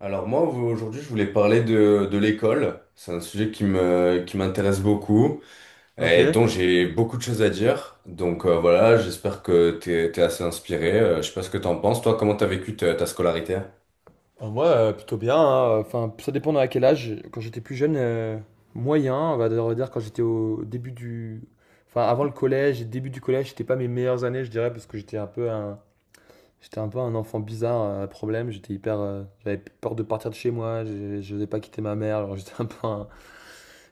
Alors moi aujourd'hui je voulais parler de l'école. C'est un sujet qui m'intéresse beaucoup Ok. et dont j'ai beaucoup de choses à dire. Donc voilà, j'espère que t'es assez inspiré. Je sais pas ce que t'en penses. Toi, comment t'as vécu ta scolarité? Moi, plutôt bien. Hein. Enfin, ça dépend à quel âge. Quand j'étais plus jeune, moyen. On va dire quand j'étais au début du, enfin avant le collège et début du collège, c'était pas mes meilleures années, je dirais, parce que j'étais un peu un, enfant bizarre, à problème. J'étais hyper, j'avais peur de partir de chez moi. Je n'osais pas quitter ma mère. Alors j'étais un peu un,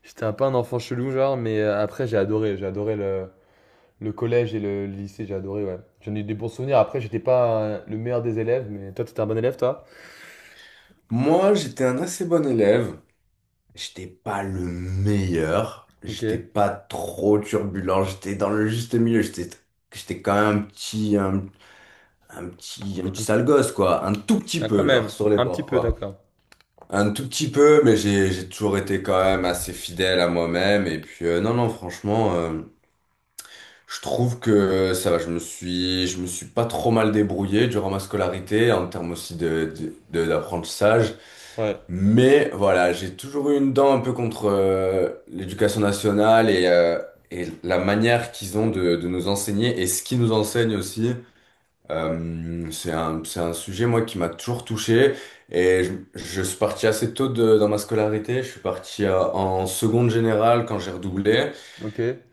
j'étais un peu un enfant chelou, genre. Mais après, j'ai adoré. J'ai adoré le collège et le lycée. J'ai adoré. Ouais. J'en ai eu des bons souvenirs. Après, j'étais pas le meilleur des élèves, mais toi, t'étais un bon élève, toi. Moi, j'étais un assez bon élève. J'étais pas le meilleur. Ok. J'étais pas trop turbulent. J'étais dans le juste milieu. J'étais quand même un petit Un- sale gosse, quoi. Un tout petit ah, quand peu, genre, même, sur les un petit bords, peu, quoi. d'accord. Un tout petit peu, mais j'ai toujours été quand même assez fidèle à moi-même. Et puis non, non, franchement, je trouve que ça va. Je me suis pas trop mal débrouillé durant ma scolarité en termes aussi d'apprentissage. Ouais. Mais voilà, j'ai toujours eu une dent un peu contre l'éducation nationale et la manière qu'ils ont de nous enseigner et ce qu'ils nous enseignent aussi. C'est c'est un sujet, moi, qui m'a toujours touché. Et je, je suis parti assez tôt dans ma scolarité. Je suis parti en seconde générale quand j'ai redoublé. Ok. Ouais.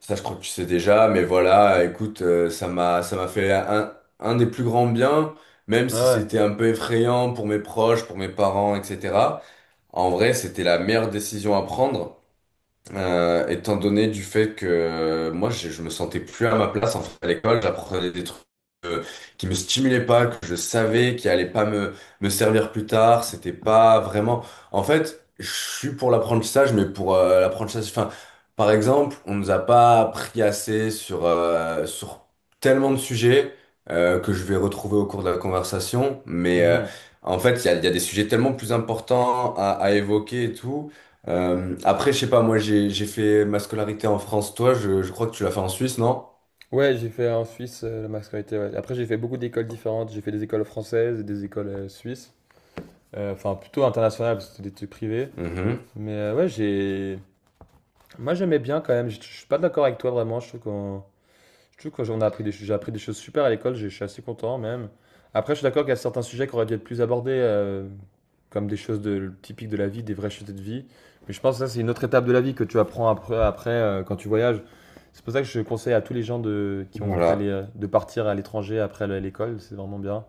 Ça, je crois que tu sais déjà. Mais voilà, écoute, ça m'a fait un des plus grands biens, même si Ouais. c'était un peu effrayant pour mes proches, pour mes parents, etc. En vrai, c'était la meilleure décision à prendre. Étant donné du fait que je me sentais plus à ma place en fait, à l'école, j'apprenais des trucs euh, qui me stimulaient pas, que je savais qui allaient pas me servir plus tard, c'était pas vraiment. En fait, je suis pour l'apprentissage, mais pour l'apprentissage, enfin, par exemple, on nous a pas appris assez sur sur tellement de sujets que je vais retrouver au cours de la conversation, mais Mhm. en fait, il y a des sujets tellement plus importants à évoquer et tout. Après, je sais pas, moi j'ai fait ma scolarité en France. Toi, je crois que tu l'as fait en Suisse, non? Ouais, j'ai fait en Suisse la mascarité. Ouais. Après, j'ai fait beaucoup d'écoles différentes. J'ai fait des écoles françaises et des écoles suisses. Enfin, plutôt internationales, parce que c'était des trucs privés. Mhm. Mais ouais, j'ai. Moi, j'aimais bien quand même. Je suis pas d'accord avec toi vraiment. Je trouve que j'ai appris des choses super à l'école, j'ai je suis assez content même. Après, je suis d'accord qu'il y a certains sujets qui auraient dû être plus abordés, comme des choses de typiques de la vie, des vraies choses de vie. Mais je pense que ça, c'est une autre étape de la vie que tu apprends après, quand tu voyages. C'est pour ça que je conseille à tous les gens de qui ont fait Voilà. De partir à l'étranger après le l'école, c'est vraiment bien.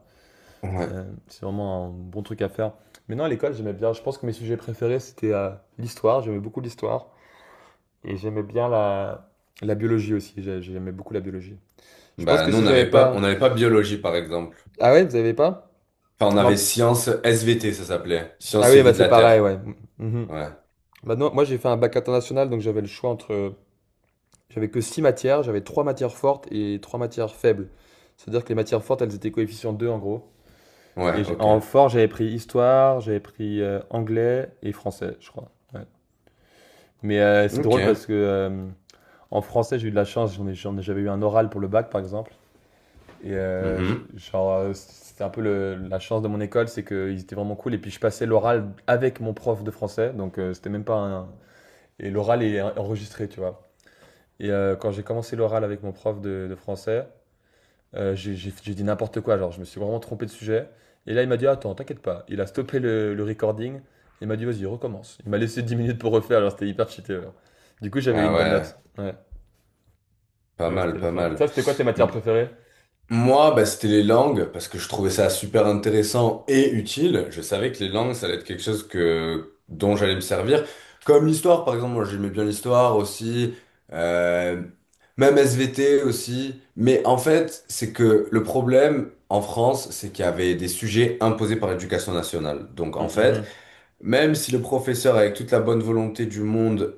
Ouais. C'est vraiment un bon truc à faire. Mais non, à l'école, j'aimais bien. Je pense que mes sujets préférés, c'était, l'histoire, j'aimais beaucoup l'histoire et j'aimais bien la biologie aussi, j'aimais beaucoup la biologie. Je pense Bah que nous, si j'avais on pas. n'avait pas biologie, par exemple. Ah ouais, vous avez pas? Enfin, on avait Alors. sciences SVT, ça s'appelait. Ah Sciences et oui, bah vie de c'est la pareil, Terre. ouais. Mhm. Ouais. Bah non, moi j'ai fait un bac international, donc j'avais le choix entre. J'avais que 6 matières, j'avais 3 matières fortes et 3 matières faibles. C'est-à-dire que les matières fortes, elles étaient coefficient 2 en gros. Ouais, ok. En fort, j'avais pris histoire, j'avais pris anglais et français, je crois. Ouais. Mais c'est Ok. drôle parce que en français, j'ai eu de la chance, j'avais eu un oral pour le bac par exemple. Et Mhm. genre, c'était un peu la chance de mon école, c'est qu'ils étaient vraiment cool. Et puis je passais l'oral avec mon prof de français, donc c'était même pas un. Et l'oral est enregistré, tu vois. Et quand j'ai commencé l'oral avec mon prof de français, j'ai dit n'importe quoi, genre je me suis vraiment trompé de sujet. Et là, il m'a dit, attends, t'inquiète pas. Il a stoppé le recording. Il m'a dit, vas-y, recommence. Il m'a laissé 10 minutes pour refaire, alors c'était hyper cheaté. Alors. Du coup, j'avais Ah une bonne ouais, note. Ouais, pas ouais, c'était mal, la pas chance. mal. Ça, c'était quoi tes matières préférées? Moi, bah, c'était les langues, parce que je trouvais ça super intéressant et utile. Je savais que les langues, ça allait être quelque chose que, dont j'allais me servir. Comme l'histoire, par exemple, moi j'aimais bien l'histoire aussi, euh, même SVT aussi. Mais en fait, c'est que le problème en France, c'est qu'il y avait des sujets imposés par l'éducation nationale. Donc Mm, en fait, mhm. même si le professeur, avec toute la bonne volonté du monde,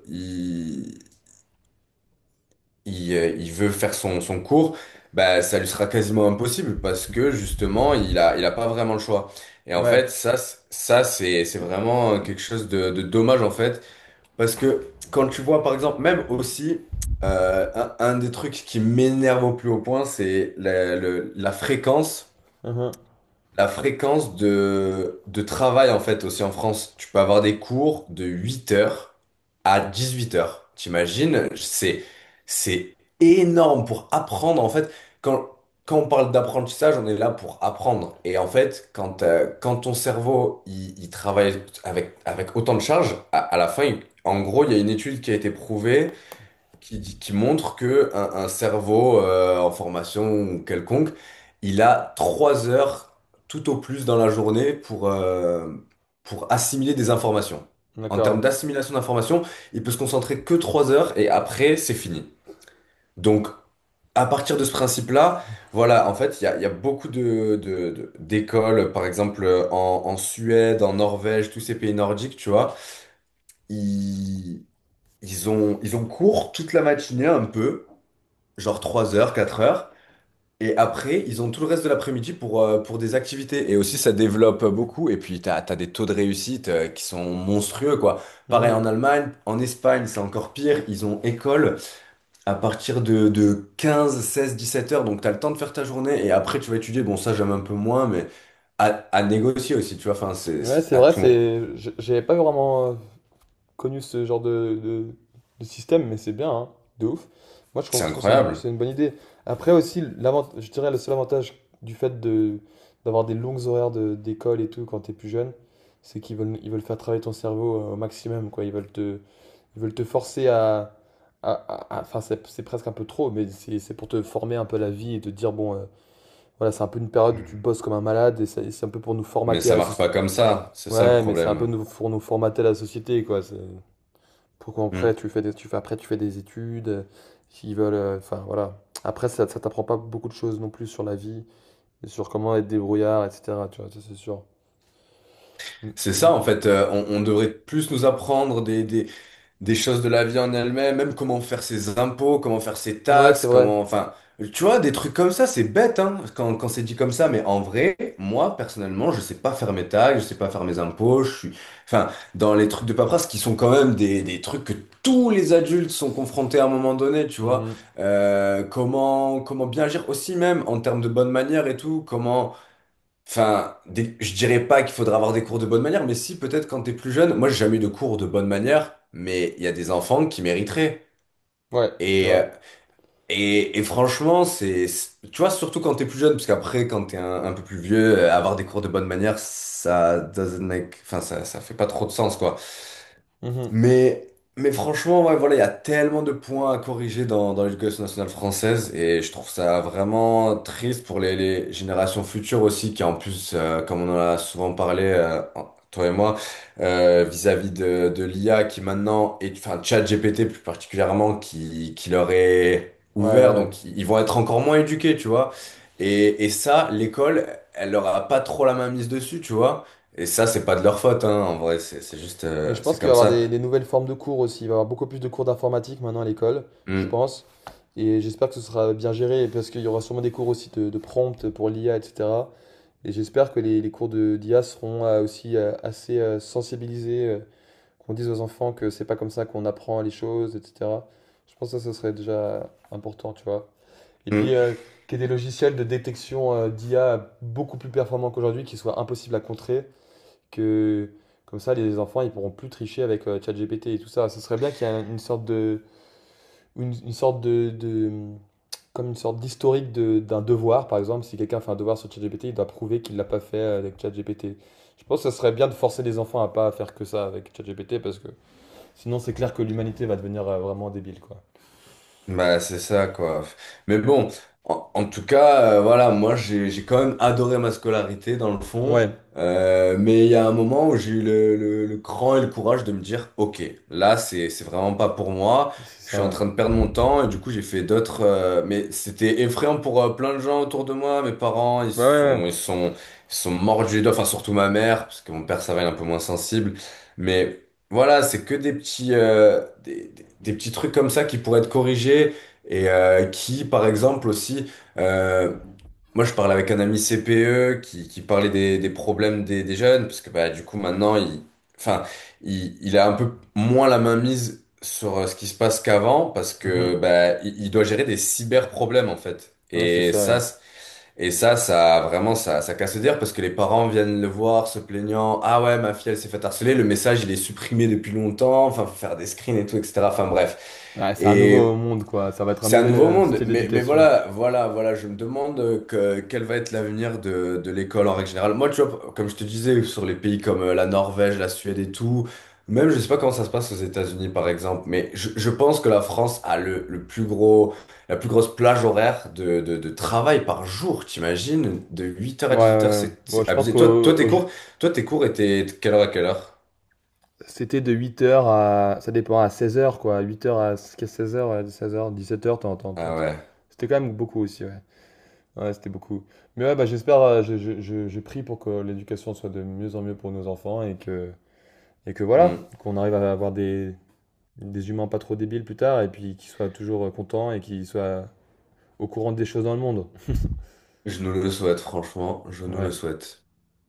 il veut faire son cours, bah, ça lui sera quasiment impossible parce que justement, il a pas vraiment le choix. Et en fait, Ouais. ça, c'est vraiment quelque chose de dommage en fait. Parce que quand tu vois, par exemple, même aussi, un des trucs qui m'énerve au plus haut point, c'est la fréquence. Mhm. La fréquence de travail, en fait, aussi en France, tu peux avoir des cours de 8 heures à 18 heures. T'imagines? C'est énorme pour apprendre. En fait, quand, quand on parle d'apprentissage, on est là pour apprendre. Et en fait, quand ton cerveau, il travaille avec, avec autant de charges, à la fin, en gros, il y a une étude qui a été prouvée qui montre que un cerveau en formation ou quelconque, il a 3 heures tout au plus dans la journée pour assimiler des informations. En D'accord. termes Ouais. d'assimilation d'informations, il peut se concentrer que 3 heures et après, c'est fini. Donc, à partir de ce principe-là, voilà, en fait, il y a beaucoup d'écoles, par exemple en Suède, en Norvège, tous ces pays nordiques, tu vois, ils, ils ont cours toute la matinée un peu genre 3 heures, 4 heures. Et après, ils ont tout le reste de l'après-midi pour des activités. Et aussi, ça développe beaucoup. Et puis, t'as des taux de réussite qui sont monstrueux, quoi. Pareil Mhm. en Allemagne, en Espagne, c'est encore pire. Ils ont école à partir de 15, 16, 17 heures. Donc, t'as le temps de faire ta journée. Et après, tu vas étudier. Bon, ça, j'aime un peu moins, mais à négocier aussi, tu vois. Enfin, Ouais, c'est à vrai, tout. J'avais pas vraiment connu ce genre de système, mais c'est bien, hein, de ouf. Moi, je C'est trouve je trouve que c'est une, incroyable. c'est une bonne idée. Après aussi, je dirais le seul avantage du fait de d'avoir des longues horaires d'école et tout quand t'es plus jeune, c'est qu'ils veulent faire travailler ton cerveau au maximum, quoi. Ils veulent te forcer enfin, c'est presque un peu trop, mais c'est pour te former un peu à la vie et te dire, bon, voilà, c'est un peu une période où tu bosses comme un malade et c'est un peu pour nous Mais formater à ça la marche société. pas comme ça, c'est ça le Ouais, mais c'est un peu problème. nous, pour nous formater la société, quoi. C'est pour qu'après Mm. Tu fais des études, qui veulent, enfin voilà. Après, ça t'apprend pas beaucoup de choses non plus sur la vie, et sur comment être débrouillard, etc. Tu vois, ça c'est sûr. Mm, C'est ça mm. en fait, on devrait plus nous apprendre des choses de la vie en elle-même, même comment faire ses impôts, comment faire ses Ouais, taxes, c'est vrai. comment, enfin, tu vois, des trucs comme ça, c'est bête, hein, quand c'est dit comme ça, mais en vrai, moi, personnellement, je sais pas faire mes taxes, je sais pas faire mes impôts, je suis, enfin, dans les trucs de paperasse qui sont quand même des trucs que tous les adultes sont confrontés à un moment donné, tu vois. Mhm. Comment, comment bien agir aussi même en termes de bonne manière et tout, comment, enfin, je dirais pas qu'il faudra avoir des cours de bonne manière, mais si, peut-être quand t'es plus jeune. Moi, j'ai jamais eu de cours de bonne manière, mais il y a des enfants qui mériteraient. Ouais, c'est Et, vrai. euh, et franchement, tu vois, surtout quand t'es plus jeune, parce qu'après, quand t'es un peu plus vieux, avoir des cours de bonne manière, ça doesn't make- enfin, ça fait pas trop de sens, quoi. Mhm. Mais, mais franchement, ouais, voilà, il y a tellement de points à corriger dans l'éducation nationale française et je trouve ça vraiment triste pour les générations futures aussi, qui en plus, comme on en a souvent parlé, toi et moi, vis-à-vis de l'IA qui maintenant, est, enfin ChatGPT plus particulièrement, qui leur est Ouais, ouais, ouvert, ouais. donc ils vont être encore moins éduqués, tu vois. Et ça, l'école, elle leur a pas trop la main mise dessus, tu vois. Et ça, c'est pas de leur faute, hein, en vrai, c'est juste, Mais je pense c'est qu'il va y comme avoir ça. des nouvelles formes de cours aussi. Il va y avoir beaucoup plus de cours d'informatique maintenant à l'école, je Mm, pense. Et j'espère que ce sera bien géré, parce qu'il y aura sûrement des cours aussi de prompt pour l'IA, etc. Et j'espère que les cours de d'IA seront aussi assez sensibilisés, qu'on dise aux enfants que c'est pas comme ça qu'on apprend les choses, etc. Je pense que ça, ce serait déjà important, tu vois. Et puis, mm. Qu'il y ait des logiciels de détection d'IA beaucoup plus performants qu'aujourd'hui, qui soient impossibles à contrer, que comme ça, les enfants, ils pourront plus tricher avec ChatGPT et tout ça. Ce serait bien qu'il y ait une sorte de, comme une sorte d'historique d'un devoir, par exemple, si quelqu'un fait un devoir sur ChatGPT, il doit prouver qu'il l'a pas fait avec ChatGPT. Je pense que ça serait bien de forcer les enfants à pas faire que ça avec ChatGPT parce que sinon c'est clair que l'humanité va devenir vraiment débile quoi. Bah, c'est ça, quoi. Mais bon, en tout cas, voilà, moi, j'ai quand même adoré ma scolarité, dans le fond. Ouais, Mais il y a un moment où j'ai eu le cran et le courage de me dire, OK, là, c'est vraiment pas pour moi. c'est Je suis en ça. train de perdre mon temps. Et du coup, j'ai fait d'autres... mais c'était effrayant pour plein de gens autour de moi. Mes parents, Ouais, ouais, ils sont mordus du doigt. Enfin, surtout ma mère, parce que mon père, ça va, il est un peu moins sensible. Mais... Voilà, c'est que des petits, des petits trucs comme ça qui pourraient être corrigés et qui, par exemple, aussi, euh, moi je parlais avec un ami CPE qui parlait des problèmes des jeunes, parce que bah, du coup maintenant, enfin, il a un peu moins la main mise sur ce qui se passe qu'avant, parce ouais. Mhm. que bah, il doit gérer des cyber problèmes en fait. Ouais, c'est ça. Et ça, ça vraiment, ça casse le dire parce que les parents viennent le voir se plaignant. Ah ouais, ma fille, elle s'est fait harceler. Le message, il est supprimé depuis longtemps. Enfin, faut faire des screens et tout, etc. Enfin, bref. Ouais. Ouais, c'est un nouveau Et monde quoi, ça va être un c'est un nouvel nouveau monde, style mais d'éducation. voilà, voilà, voilà, je me demande quel va être l'avenir de l'école en règle générale. Moi, tu vois, comme je te disais, sur les pays comme la Norvège, la Suède et tout, même je sais pas comment ça se passe aux États-Unis par exemple, mais je pense que la France a le plus gros, la plus grosse plage horaire de travail par jour, t'imagines? De huit heures à Ouais, ouais, 18h, ouais. Bon, c'est je pense abusé. que Toi, tes cours étaient de quelle heure à quelle heure? c'était de 8h à ça dépend à 16h quoi, 8h à 16h, 16h, 17h, t'entends Ah peut-être. ouais. C'était quand même beaucoup aussi, ouais. Ouais, c'était beaucoup. Mais ouais, bah, j'espère, je prie pour que l'éducation soit de mieux en mieux pour nos enfants et que voilà, Hmm. qu'on arrive à avoir des humains pas trop débiles plus tard et puis qu'ils soient toujours contents et qu'ils soient au courant des choses dans le monde. Je nous le souhaite, franchement, je nous le Ouais. souhaite.